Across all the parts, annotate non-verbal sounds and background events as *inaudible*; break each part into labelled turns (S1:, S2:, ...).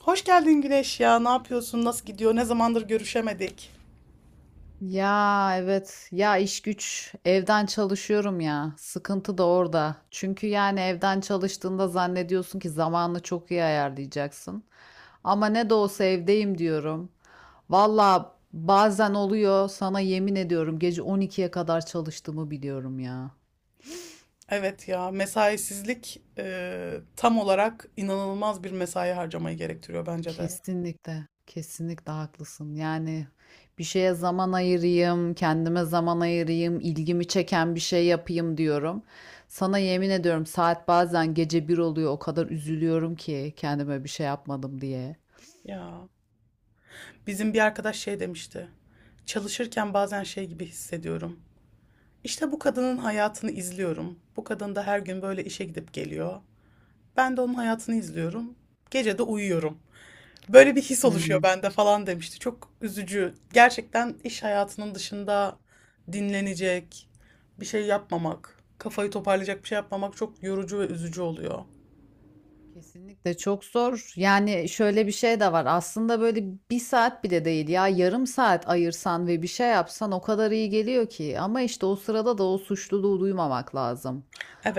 S1: Hoş geldin Güneş ya. Ne yapıyorsun? Nasıl gidiyor? Ne zamandır görüşemedik?
S2: Ya evet ya iş güç evden çalışıyorum, ya sıkıntı da orada çünkü yani evden çalıştığında zannediyorsun ki zamanını çok iyi ayarlayacaksın ama ne de olsa evdeyim diyorum. Valla bazen oluyor, sana yemin ediyorum gece 12'ye kadar çalıştığımı biliyorum ya.
S1: Evet ya, mesaisizlik tam olarak inanılmaz bir mesai harcamayı gerektiriyor bence de.
S2: Kesinlikle, kesinlikle haklısın. Yani bir şeye zaman ayırayım, kendime zaman ayırayım, ilgimi çeken bir şey yapayım diyorum. Sana yemin ediyorum saat bazen gece bir oluyor, o kadar üzülüyorum ki kendime bir şey yapmadım diye.
S1: Ya bizim bir arkadaş şey demişti. Çalışırken bazen şey gibi hissediyorum. İşte bu kadının hayatını izliyorum. Bu kadın da her gün böyle işe gidip geliyor. Ben de onun hayatını izliyorum. Gece de uyuyorum. Böyle bir his oluşuyor
S2: Hı.
S1: bende falan demişti. Çok üzücü. Gerçekten iş hayatının dışında dinlenecek, bir şey yapmamak, kafayı toparlayacak bir şey yapmamak çok yorucu ve üzücü oluyor.
S2: Kesinlikle çok zor. Yani şöyle bir şey de var. Aslında böyle bir saat bile değil ya, yarım saat ayırsan ve bir şey yapsan o kadar iyi geliyor ki. Ama işte o sırada da o suçluluğu duymamak lazım.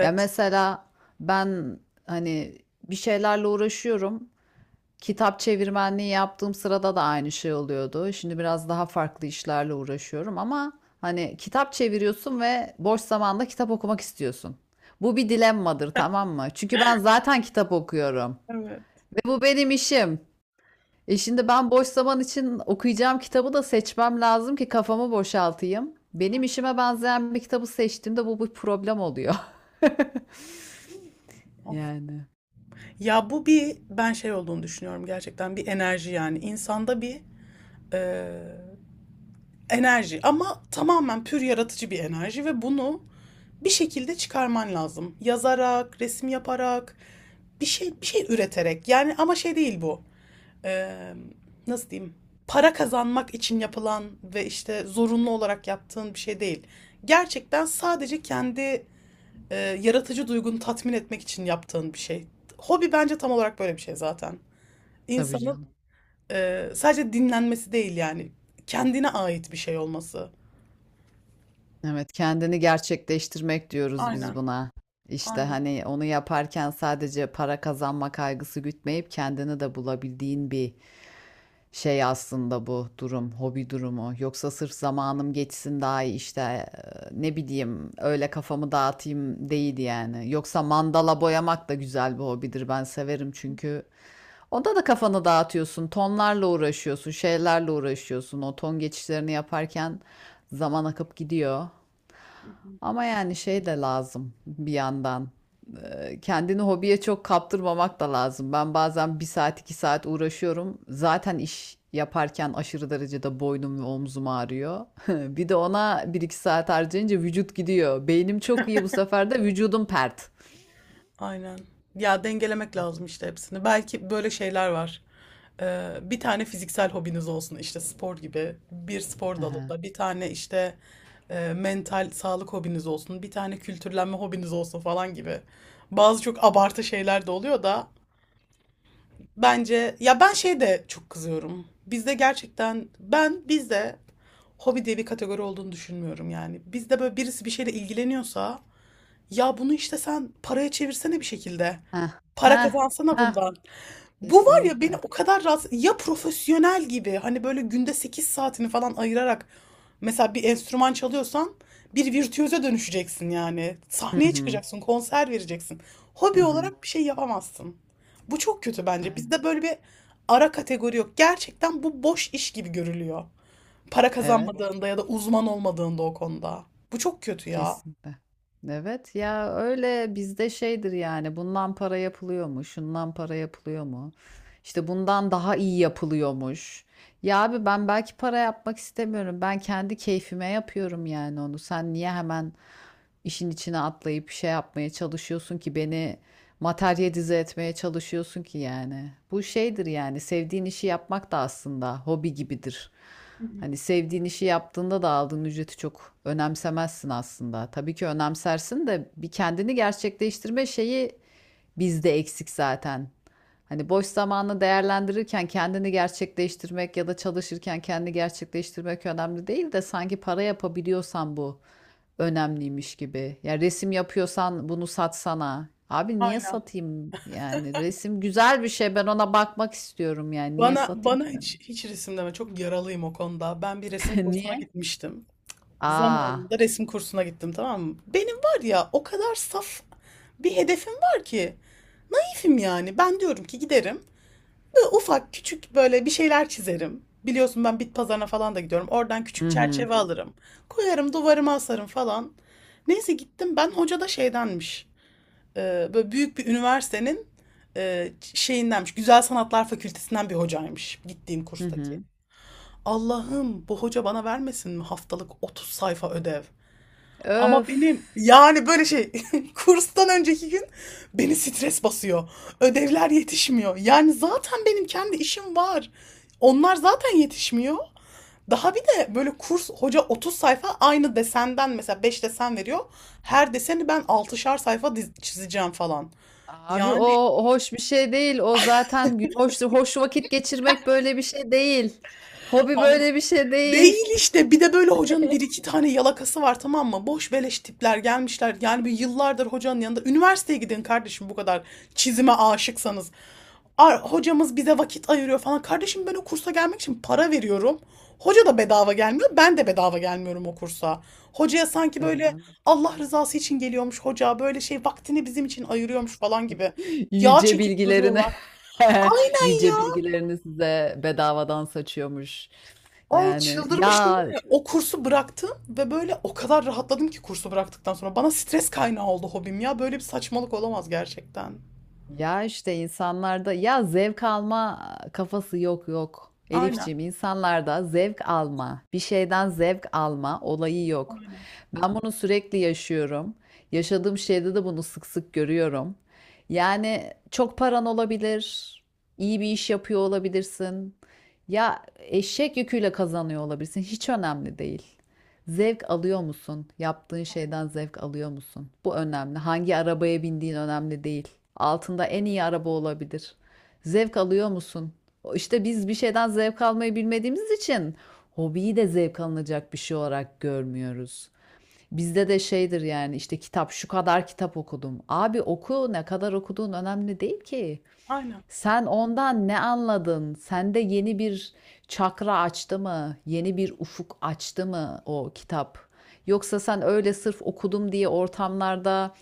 S2: Ya mesela ben hani bir şeylerle uğraşıyorum. Kitap çevirmenliği yaptığım sırada da aynı şey oluyordu. Şimdi biraz daha farklı işlerle uğraşıyorum ama hani kitap çeviriyorsun ve boş zamanda kitap okumak istiyorsun. Bu bir dilemmadır, tamam mı? Çünkü ben zaten kitap okuyorum
S1: Evet.
S2: ve bu benim işim. E şimdi ben boş zaman için okuyacağım kitabı da seçmem lazım ki kafamı boşaltayım. Benim işime benzeyen bir kitabı seçtiğimde bu bir problem oluyor. *laughs*
S1: Of.
S2: Yani
S1: Ya bu bir ben şey olduğunu düşünüyorum, gerçekten bir enerji yani insanda bir e, enerji, ama tamamen pür yaratıcı bir enerji ve bunu bir şekilde çıkarman lazım. Yazarak, resim yaparak, bir şey bir şey üreterek yani, ama şey değil bu. eee, nasıl diyeyim, para kazanmak için yapılan ve işte zorunlu olarak yaptığın bir şey değil. Gerçekten sadece kendi yaratıcı duygunu tatmin etmek için yaptığın bir şey. Hobi bence tam olarak böyle bir şey zaten.
S2: tabii
S1: İnsanın
S2: canım.
S1: sadece dinlenmesi değil yani, kendine ait bir şey olması.
S2: Evet, kendini gerçekleştirmek diyoruz biz
S1: Aynen,
S2: buna. İşte
S1: aynen.
S2: hani onu yaparken sadece para kazanma kaygısı gütmeyip kendini de bulabildiğin bir şey aslında bu durum, hobi durumu. Yoksa sırf zamanım geçsin daha iyi işte, ne bileyim öyle kafamı dağıtayım değil yani. Yoksa mandala boyamak da güzel bir hobidir. Ben severim çünkü onda da kafanı dağıtıyorsun, tonlarla uğraşıyorsun, şeylerle uğraşıyorsun. O ton geçişlerini yaparken zaman akıp gidiyor. Ama yani şey de lazım bir yandan. Kendini hobiye çok kaptırmamak da lazım. Ben bazen bir saat iki saat uğraşıyorum. Zaten iş yaparken aşırı derecede boynum ve omzum ağrıyor. *laughs* Bir de ona bir iki saat harcayınca vücut gidiyor. Beynim çok iyi, bu sefer de vücudum pert.
S1: Aynen. Ya dengelemek lazım işte hepsini. Belki böyle şeyler var. Bir tane fiziksel hobiniz olsun işte, spor gibi bir spor
S2: Aha.
S1: dalında. Bir tane işte mental sağlık hobiniz olsun. Bir tane kültürlenme hobiniz olsun falan gibi. Bazı çok abartı şeyler de oluyor da bence ya, ben şey de çok kızıyorum. Bizde gerçekten, ben bizde hobi diye bir kategori olduğunu düşünmüyorum yani. Bizde böyle birisi bir şeyle ilgileniyorsa, ya bunu işte sen paraya çevirsene bir şekilde.
S2: Ha
S1: Para
S2: ha
S1: kazansana
S2: ha,
S1: bundan. Bu var ya beni
S2: kesinlikle.
S1: o kadar rahatsız... Ya profesyonel gibi, hani böyle günde 8 saatini falan ayırarak, mesela bir enstrüman çalıyorsan bir virtüöze dönüşeceksin yani.
S2: Hı
S1: Sahneye
S2: hı
S1: çıkacaksın, konser vereceksin.
S2: hı
S1: Hobi
S2: hı.
S1: olarak bir şey yapamazsın. Bu çok kötü bence.
S2: Aynen.
S1: Bizde böyle bir ara kategori yok. Gerçekten bu boş iş gibi görülüyor. Para
S2: Evet.
S1: kazanmadığında ya da uzman olmadığında o konuda. Bu çok kötü ya.
S2: Kesinlikle. Evet ya, öyle bizde şeydir yani, bundan para yapılıyor mu? Şundan para yapılıyor mu? İşte bundan daha iyi yapılıyormuş. Ya abi, ben belki para yapmak istemiyorum. Ben kendi keyfime yapıyorum yani onu. Sen niye hemen işin içine atlayıp şey yapmaya çalışıyorsun ki, beni materyalize etmeye çalışıyorsun ki yani. Bu şeydir yani, sevdiğin işi yapmak da aslında hobi gibidir.
S1: Hı hı.
S2: Hani sevdiğin işi yaptığında da aldığın ücreti çok önemsemezsin aslında. Tabii ki önemsersin de bir kendini gerçekleştirme şeyi bizde eksik zaten. Hani boş zamanını değerlendirirken kendini gerçekleştirmek ya da çalışırken kendini gerçekleştirmek önemli değil de sanki para yapabiliyorsan bu önemliymiş gibi. Ya resim yapıyorsan bunu satsana. Abi niye
S1: Aynen.
S2: satayım yani, resim güzel bir şey, ben ona bakmak istiyorum, yani niye
S1: Bana
S2: satayım ki
S1: bana
S2: ben?
S1: hiç hiç resim deme. Çok yaralıyım o konuda. Ben bir resim
S2: *laughs*
S1: kursuna
S2: Niye?
S1: gitmiştim.
S2: Aa.
S1: Zamanında resim kursuna gittim, tamam mı? Benim var ya o kadar saf bir hedefim var ki. Keyfim yani. Ben diyorum ki giderim. Ufak küçük böyle bir şeyler çizerim. Biliyorsun ben bit pazarına falan da gidiyorum. Oradan küçük
S2: Hı hı.
S1: çerçeve alırım. Koyarım, duvarıma asarım falan. Neyse, gittim ben, hoca da şeydenmiş. Böyle büyük bir üniversitenin şeyindenmiş. Güzel Sanatlar Fakültesinden bir hocaymış gittiğim
S2: Hı
S1: kurstaki.
S2: hı.
S1: Allah'ım, bu hoca bana vermesin mi haftalık 30 sayfa ödev? Ama benim
S2: Öf.
S1: yani böyle şey, *laughs* kurstan önceki gün beni stres basıyor. Ödevler yetişmiyor. Yani zaten benim kendi işim var. Onlar zaten yetişmiyor. Daha bir de böyle kurs hoca 30 sayfa aynı desenden mesela 5 desen veriyor. Her deseni ben altışar sayfa çizeceğim falan.
S2: Abi
S1: Yani
S2: o hoş bir şey değil. O zaten hoş hoş vakit geçirmek böyle bir şey değil. Hobi böyle bir şey değil.
S1: değil işte. Bir de böyle hocanın bir iki
S2: *laughs*
S1: tane yalakası var, tamam mı? Boş beleş tipler gelmişler. Yani bir yıllardır hocanın yanında. Üniversiteye gidin kardeşim, bu kadar çizime aşıksanız. Hocamız bize vakit ayırıyor falan. Kardeşim, ben o kursa gelmek için para veriyorum. Hoca da bedava gelmiyor. Ben de bedava gelmiyorum o kursa. Hocaya sanki
S2: Tabii
S1: böyle
S2: canım.
S1: Allah rızası için geliyormuş hoca. Böyle şey, vaktini bizim için ayırıyormuş falan gibi. Yağ
S2: Yüce
S1: çekip
S2: bilgilerini
S1: duruyorlar.
S2: *laughs*
S1: Aynen
S2: yüce
S1: ya.
S2: bilgilerini size bedavadan saçıyormuş.
S1: Ay
S2: Yani
S1: çıldırmıştım değil
S2: ya
S1: mi? O kursu bıraktım ve böyle o kadar rahatladım ki kursu bıraktıktan sonra. Bana stres kaynağı oldu hobim ya. Böyle bir saçmalık olamaz gerçekten.
S2: Ya işte insanlarda ya zevk alma kafası yok yok.
S1: Aynen,
S2: Elifciğim, insanlarda zevk alma, bir şeyden zevk alma olayı yok.
S1: aynen,
S2: Ben bunu sürekli yaşıyorum. Yaşadığım şeyde de bunu sık sık görüyorum. Yani çok paran olabilir, iyi bir iş yapıyor olabilirsin. Ya eşek yüküyle kazanıyor olabilirsin. Hiç önemli değil. Zevk alıyor musun? Yaptığın şeyden zevk alıyor musun? Bu önemli. Hangi arabaya bindiğin önemli değil. Altında en iyi araba olabilir. Zevk alıyor musun? İşte biz bir şeyden zevk almayı bilmediğimiz için hobiyi de zevk alınacak bir şey olarak görmüyoruz. Bizde de şeydir yani, işte kitap şu kadar kitap okudum. Abi oku, ne kadar okuduğun önemli değil ki.
S1: aynen.
S2: Sen ondan ne anladın? Sende yeni bir çakra açtı mı? Yeni bir ufuk açtı mı o kitap? Yoksa sen öyle sırf okudum diye ortamlarda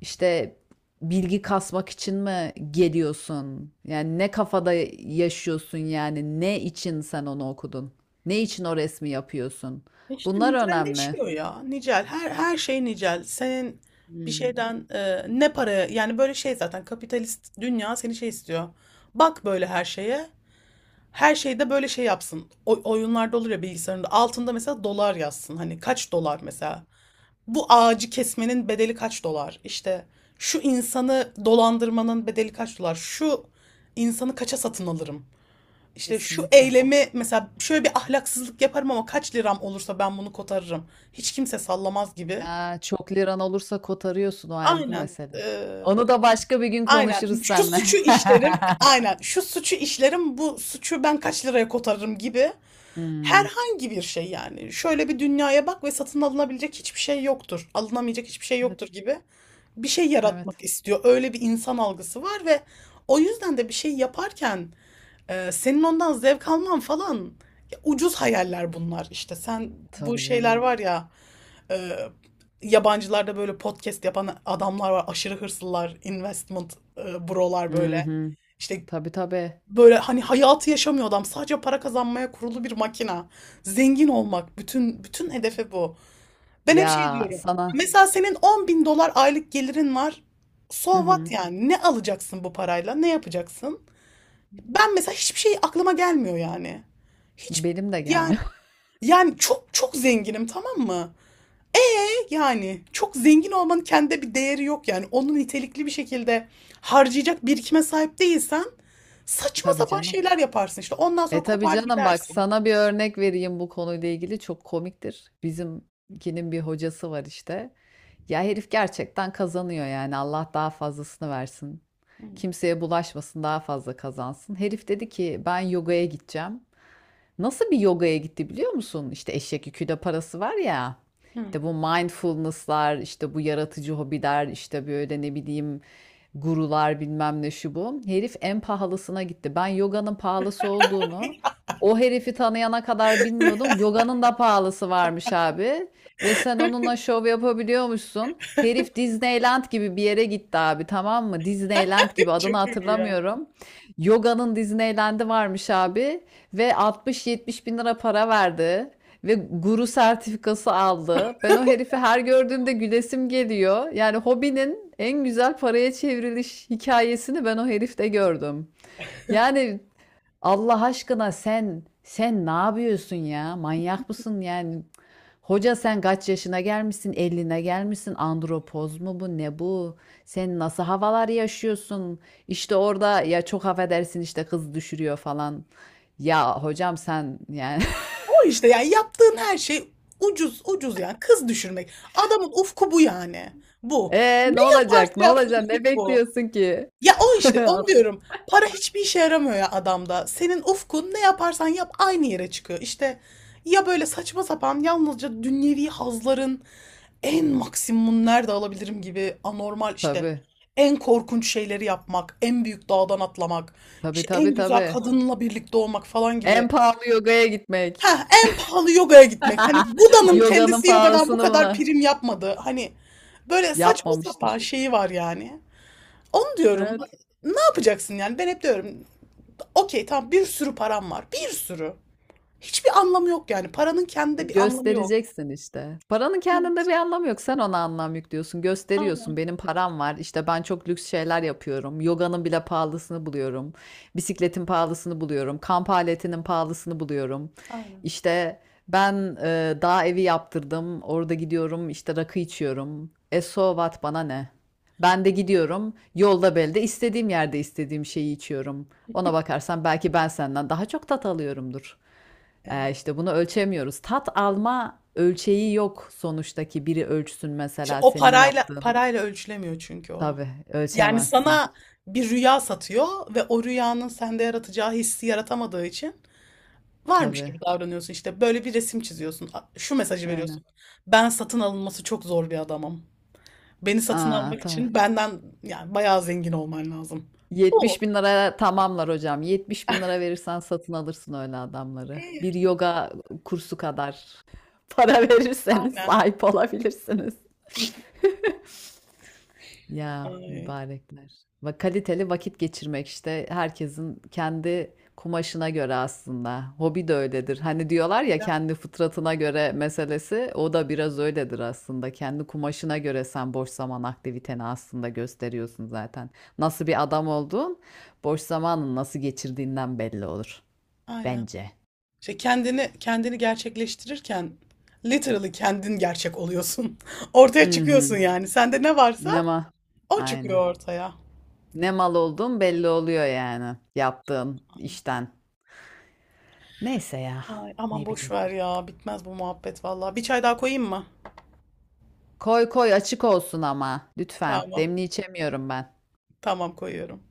S2: işte bilgi kasmak için mi geliyorsun? Yani ne kafada yaşıyorsun yani? Ne için sen onu okudun? Ne için o resmi yapıyorsun?
S1: İşte
S2: Bunlar önemli.
S1: nicelleşiyor ya. Nicel. Her şey nicel. Senin bir
S2: Hmm.
S1: şeyden ne paraya yani, böyle şey zaten kapitalist dünya seni şey istiyor. Bak böyle her şeye. Her şeyde böyle şey yapsın. O, oyunlarda olur ya, bilgisayarında. Altında mesela dolar yazsın. Hani kaç dolar mesela. Bu ağacı kesmenin bedeli kaç dolar? İşte şu insanı dolandırmanın bedeli kaç dolar? Şu insanı kaça satın alırım? İşte şu
S2: Kesinlikle.
S1: eylemi, mesela şöyle bir ahlaksızlık yaparım ama kaç liram olursa ben bunu kotarırım. Hiç kimse sallamaz gibi.
S2: Ya, çok liran olursa kotarıyorsun, o ayrı bir
S1: Aynen.
S2: mesele.
S1: Ee,
S2: Onu da başka bir gün
S1: Aynen.
S2: konuşuruz
S1: Şu
S2: seninle.
S1: suçu işlerim,
S2: *laughs*
S1: aynen. Şu suçu işlerim, bu suçu ben kaç liraya kotarırım gibi.
S2: Hımm.
S1: Herhangi bir şey yani. Şöyle bir dünyaya bak ve satın alınabilecek hiçbir şey yoktur. Alınamayacak hiçbir şey yoktur
S2: Evet,
S1: gibi bir şey
S2: evet.
S1: yaratmak istiyor. Öyle bir insan algısı var ve o yüzden de bir şey yaparken senin ondan zevk alman falan, ya ucuz hayaller bunlar işte. Sen, bu
S2: Tabii
S1: şeyler
S2: canım.
S1: var ya, e, yabancılarda böyle podcast yapan adamlar var. Aşırı hırslılar, investment brolar
S2: Hı
S1: böyle.
S2: hı.
S1: İşte
S2: Tabii, tabii.
S1: böyle hani hayatı yaşamıyor adam. Sadece para kazanmaya kurulu bir makina. Zengin olmak. Bütün hedefi bu. Ben hep şey
S2: Ya,
S1: diyorum.
S2: sana.
S1: Mesela senin 10 bin dolar aylık gelirin var.
S2: Hı
S1: So what
S2: hı.
S1: yani? Ne alacaksın bu parayla? Ne yapacaksın? Ben mesela hiçbir şey aklıma gelmiyor yani. Hiç
S2: Benim de
S1: yani
S2: gelmiyor.
S1: yani çok çok zenginim, tamam mı? E Yani çok zengin olmanın kendi bir değeri yok yani. Onu nitelikli bir şekilde harcayacak birikime sahip değilsen
S2: *laughs*
S1: saçma
S2: Tabii
S1: sapan
S2: canım.
S1: şeyler yaparsın işte. Ondan sonra
S2: Tabii
S1: kopar
S2: canım. Bak,
S1: gidersin.
S2: sana bir örnek vereyim bu konuyla ilgili, çok komiktir. Bizimkinin bir hocası var işte. Ya herif gerçekten kazanıyor yani. Allah daha fazlasını versin. Kimseye bulaşmasın, daha fazla kazansın. Herif dedi ki ben yogaya gideceğim. Nasıl bir yogaya gitti biliyor musun? İşte eşek yükü parası var ya. İşte bu mindfulness'lar, işte bu yaratıcı hobiler, işte böyle ne bileyim gurular bilmem ne şu bu. Herif en pahalısına gitti. Ben yoganın pahalısı olduğunu o herifi tanıyana kadar bilmiyordum. Yoganın da pahalısı varmış abi. Ve sen onunla şov yapabiliyormuşsun. Herif Disneyland gibi bir yere gitti abi, tamam mı? Disneyland gibi,
S1: *laughs*
S2: adını
S1: Çok iyi ya.
S2: hatırlamıyorum. Yoganın Disneyland'i varmış abi. Ve 60-70 bin lira para verdi. Ve guru sertifikası aldı. Ben o herifi her gördüğümde gülesim geliyor. Yani hobinin en güzel paraya çevriliş hikayesini ben o herifte gördüm. Yani Allah aşkına, sen ne yapıyorsun ya? Manyak mısın yani? Hoca, sen kaç yaşına gelmişsin? 50'ine gelmişsin. Andropoz mu bu? Ne bu? Sen nasıl havalar yaşıyorsun? İşte orada ya, çok affedersin, işte kız düşürüyor falan. Ya hocam sen yani.
S1: O işte yani yaptığın her şey ucuz ucuz, yani kız düşürmek. Adamın ufku bu yani. Bu.
S2: Ne
S1: Ne yaparsa
S2: olacak? Ne
S1: yapsın
S2: olacak? Ne
S1: ufku bu.
S2: bekliyorsun ki?
S1: Ya o işte, onu
S2: *laughs*
S1: diyorum. Para hiçbir işe yaramıyor ya adamda. Senin ufkun ne yaparsan yap aynı yere çıkıyor. İşte ya böyle saçma sapan, yalnızca dünyevi hazların en maksimum nerede alabilirim gibi, anormal işte
S2: Tabii.
S1: en korkunç şeyleri yapmak, en büyük dağdan atlamak,
S2: Tabii
S1: işte en
S2: tabii
S1: güzel
S2: tabii.
S1: kadınla birlikte olmak falan gibi.
S2: En pahalı yogaya gitmek.
S1: Ha, en pahalı yogaya gitmek. Hani
S2: *laughs*
S1: Buda'nın
S2: Yoganın
S1: kendisi yogadan bu
S2: pahalısını
S1: kadar
S2: mı?
S1: prim yapmadı. Hani böyle saçma sapan
S2: Yapmamıştır.
S1: şeyi var yani. Onu diyorum.
S2: Ee,
S1: Ne yapacaksın yani? Ben hep diyorum. Okey tamam, bir sürü param var. Bir sürü. Hiçbir anlamı yok yani. Paranın kendinde bir anlamı yok.
S2: Göstereceksin işte. Paranın kendinde
S1: Evet,
S2: bir anlamı yok. Sen ona anlam yüklüyorsun. Gösteriyorsun.
S1: aynen,
S2: Benim param var. İşte ben çok lüks şeyler yapıyorum. Yoganın bile pahalısını buluyorum. Bisikletin pahalısını buluyorum. Kamp aletinin pahalısını buluyorum.
S1: aynen.
S2: İşte ben dağ evi yaptırdım. Orada gidiyorum. İşte rakı içiyorum. E so what, bana ne? Ben de gidiyorum. Yolda belde istediğim yerde istediğim şeyi içiyorum. Ona bakarsan belki ben senden daha çok tat alıyorumdur.
S1: Evet.
S2: İşte bunu ölçemiyoruz. Tat alma ölçeği yok sonuçta ki biri ölçsün
S1: İşte
S2: mesela
S1: o
S2: senin
S1: parayla
S2: yaptığın.
S1: parayla ölçülemiyor çünkü o.
S2: Tabii
S1: Yani
S2: ölçemezsin.
S1: sana bir rüya satıyor ve o rüyanın sende yaratacağı hissi yaratamadığı için varmış
S2: Tabii.
S1: gibi davranıyorsun. İşte böyle bir resim çiziyorsun. Şu mesajı
S2: Aynen.
S1: veriyorsun. Ben satın alınması çok zor bir adamım. Beni satın
S2: Aa,
S1: almak
S2: ta.
S1: için benden yani bayağı zengin olman lazım. Bu.
S2: 70 bin liraya tamamlar hocam. 70 bin lira verirsen satın alırsın öyle adamları.
S1: İyi.
S2: Bir yoga kursu kadar *laughs* para verirseniz
S1: Aynen.
S2: sahip olabilirsiniz. *laughs* Ya
S1: Ay,
S2: mübarekler. Ve kaliteli vakit geçirmek işte herkesin kendi kumaşına göre aslında. Hobi de öyledir. Hani diyorlar ya kendi fıtratına göre meselesi, o da biraz öyledir aslında. Kendi kumaşına göre sen boş zaman aktiviteni aslında gösteriyorsun zaten. Nasıl bir adam olduğun boş zamanın nasıl geçirdiğinden belli olur
S1: aynen.
S2: bence.
S1: İşte kendini gerçekleştirirken literally kendin gerçek oluyorsun. *laughs* Ortaya çıkıyorsun
S2: Mhm.
S1: yani. Sende ne varsa
S2: Ne mal?
S1: o
S2: Aynen.
S1: çıkıyor ortaya.
S2: Ne mal olduğun belli oluyor yani yaptığın
S1: Aynen.
S2: işten. Neyse ya,
S1: Ay, aman
S2: ne
S1: boş
S2: bileyim.
S1: ver ya. Bitmez bu muhabbet vallahi. Bir çay daha koyayım mı?
S2: Koy koy, açık olsun ama lütfen.
S1: Tamam.
S2: Demli içemiyorum ben.
S1: Tamam koyuyorum.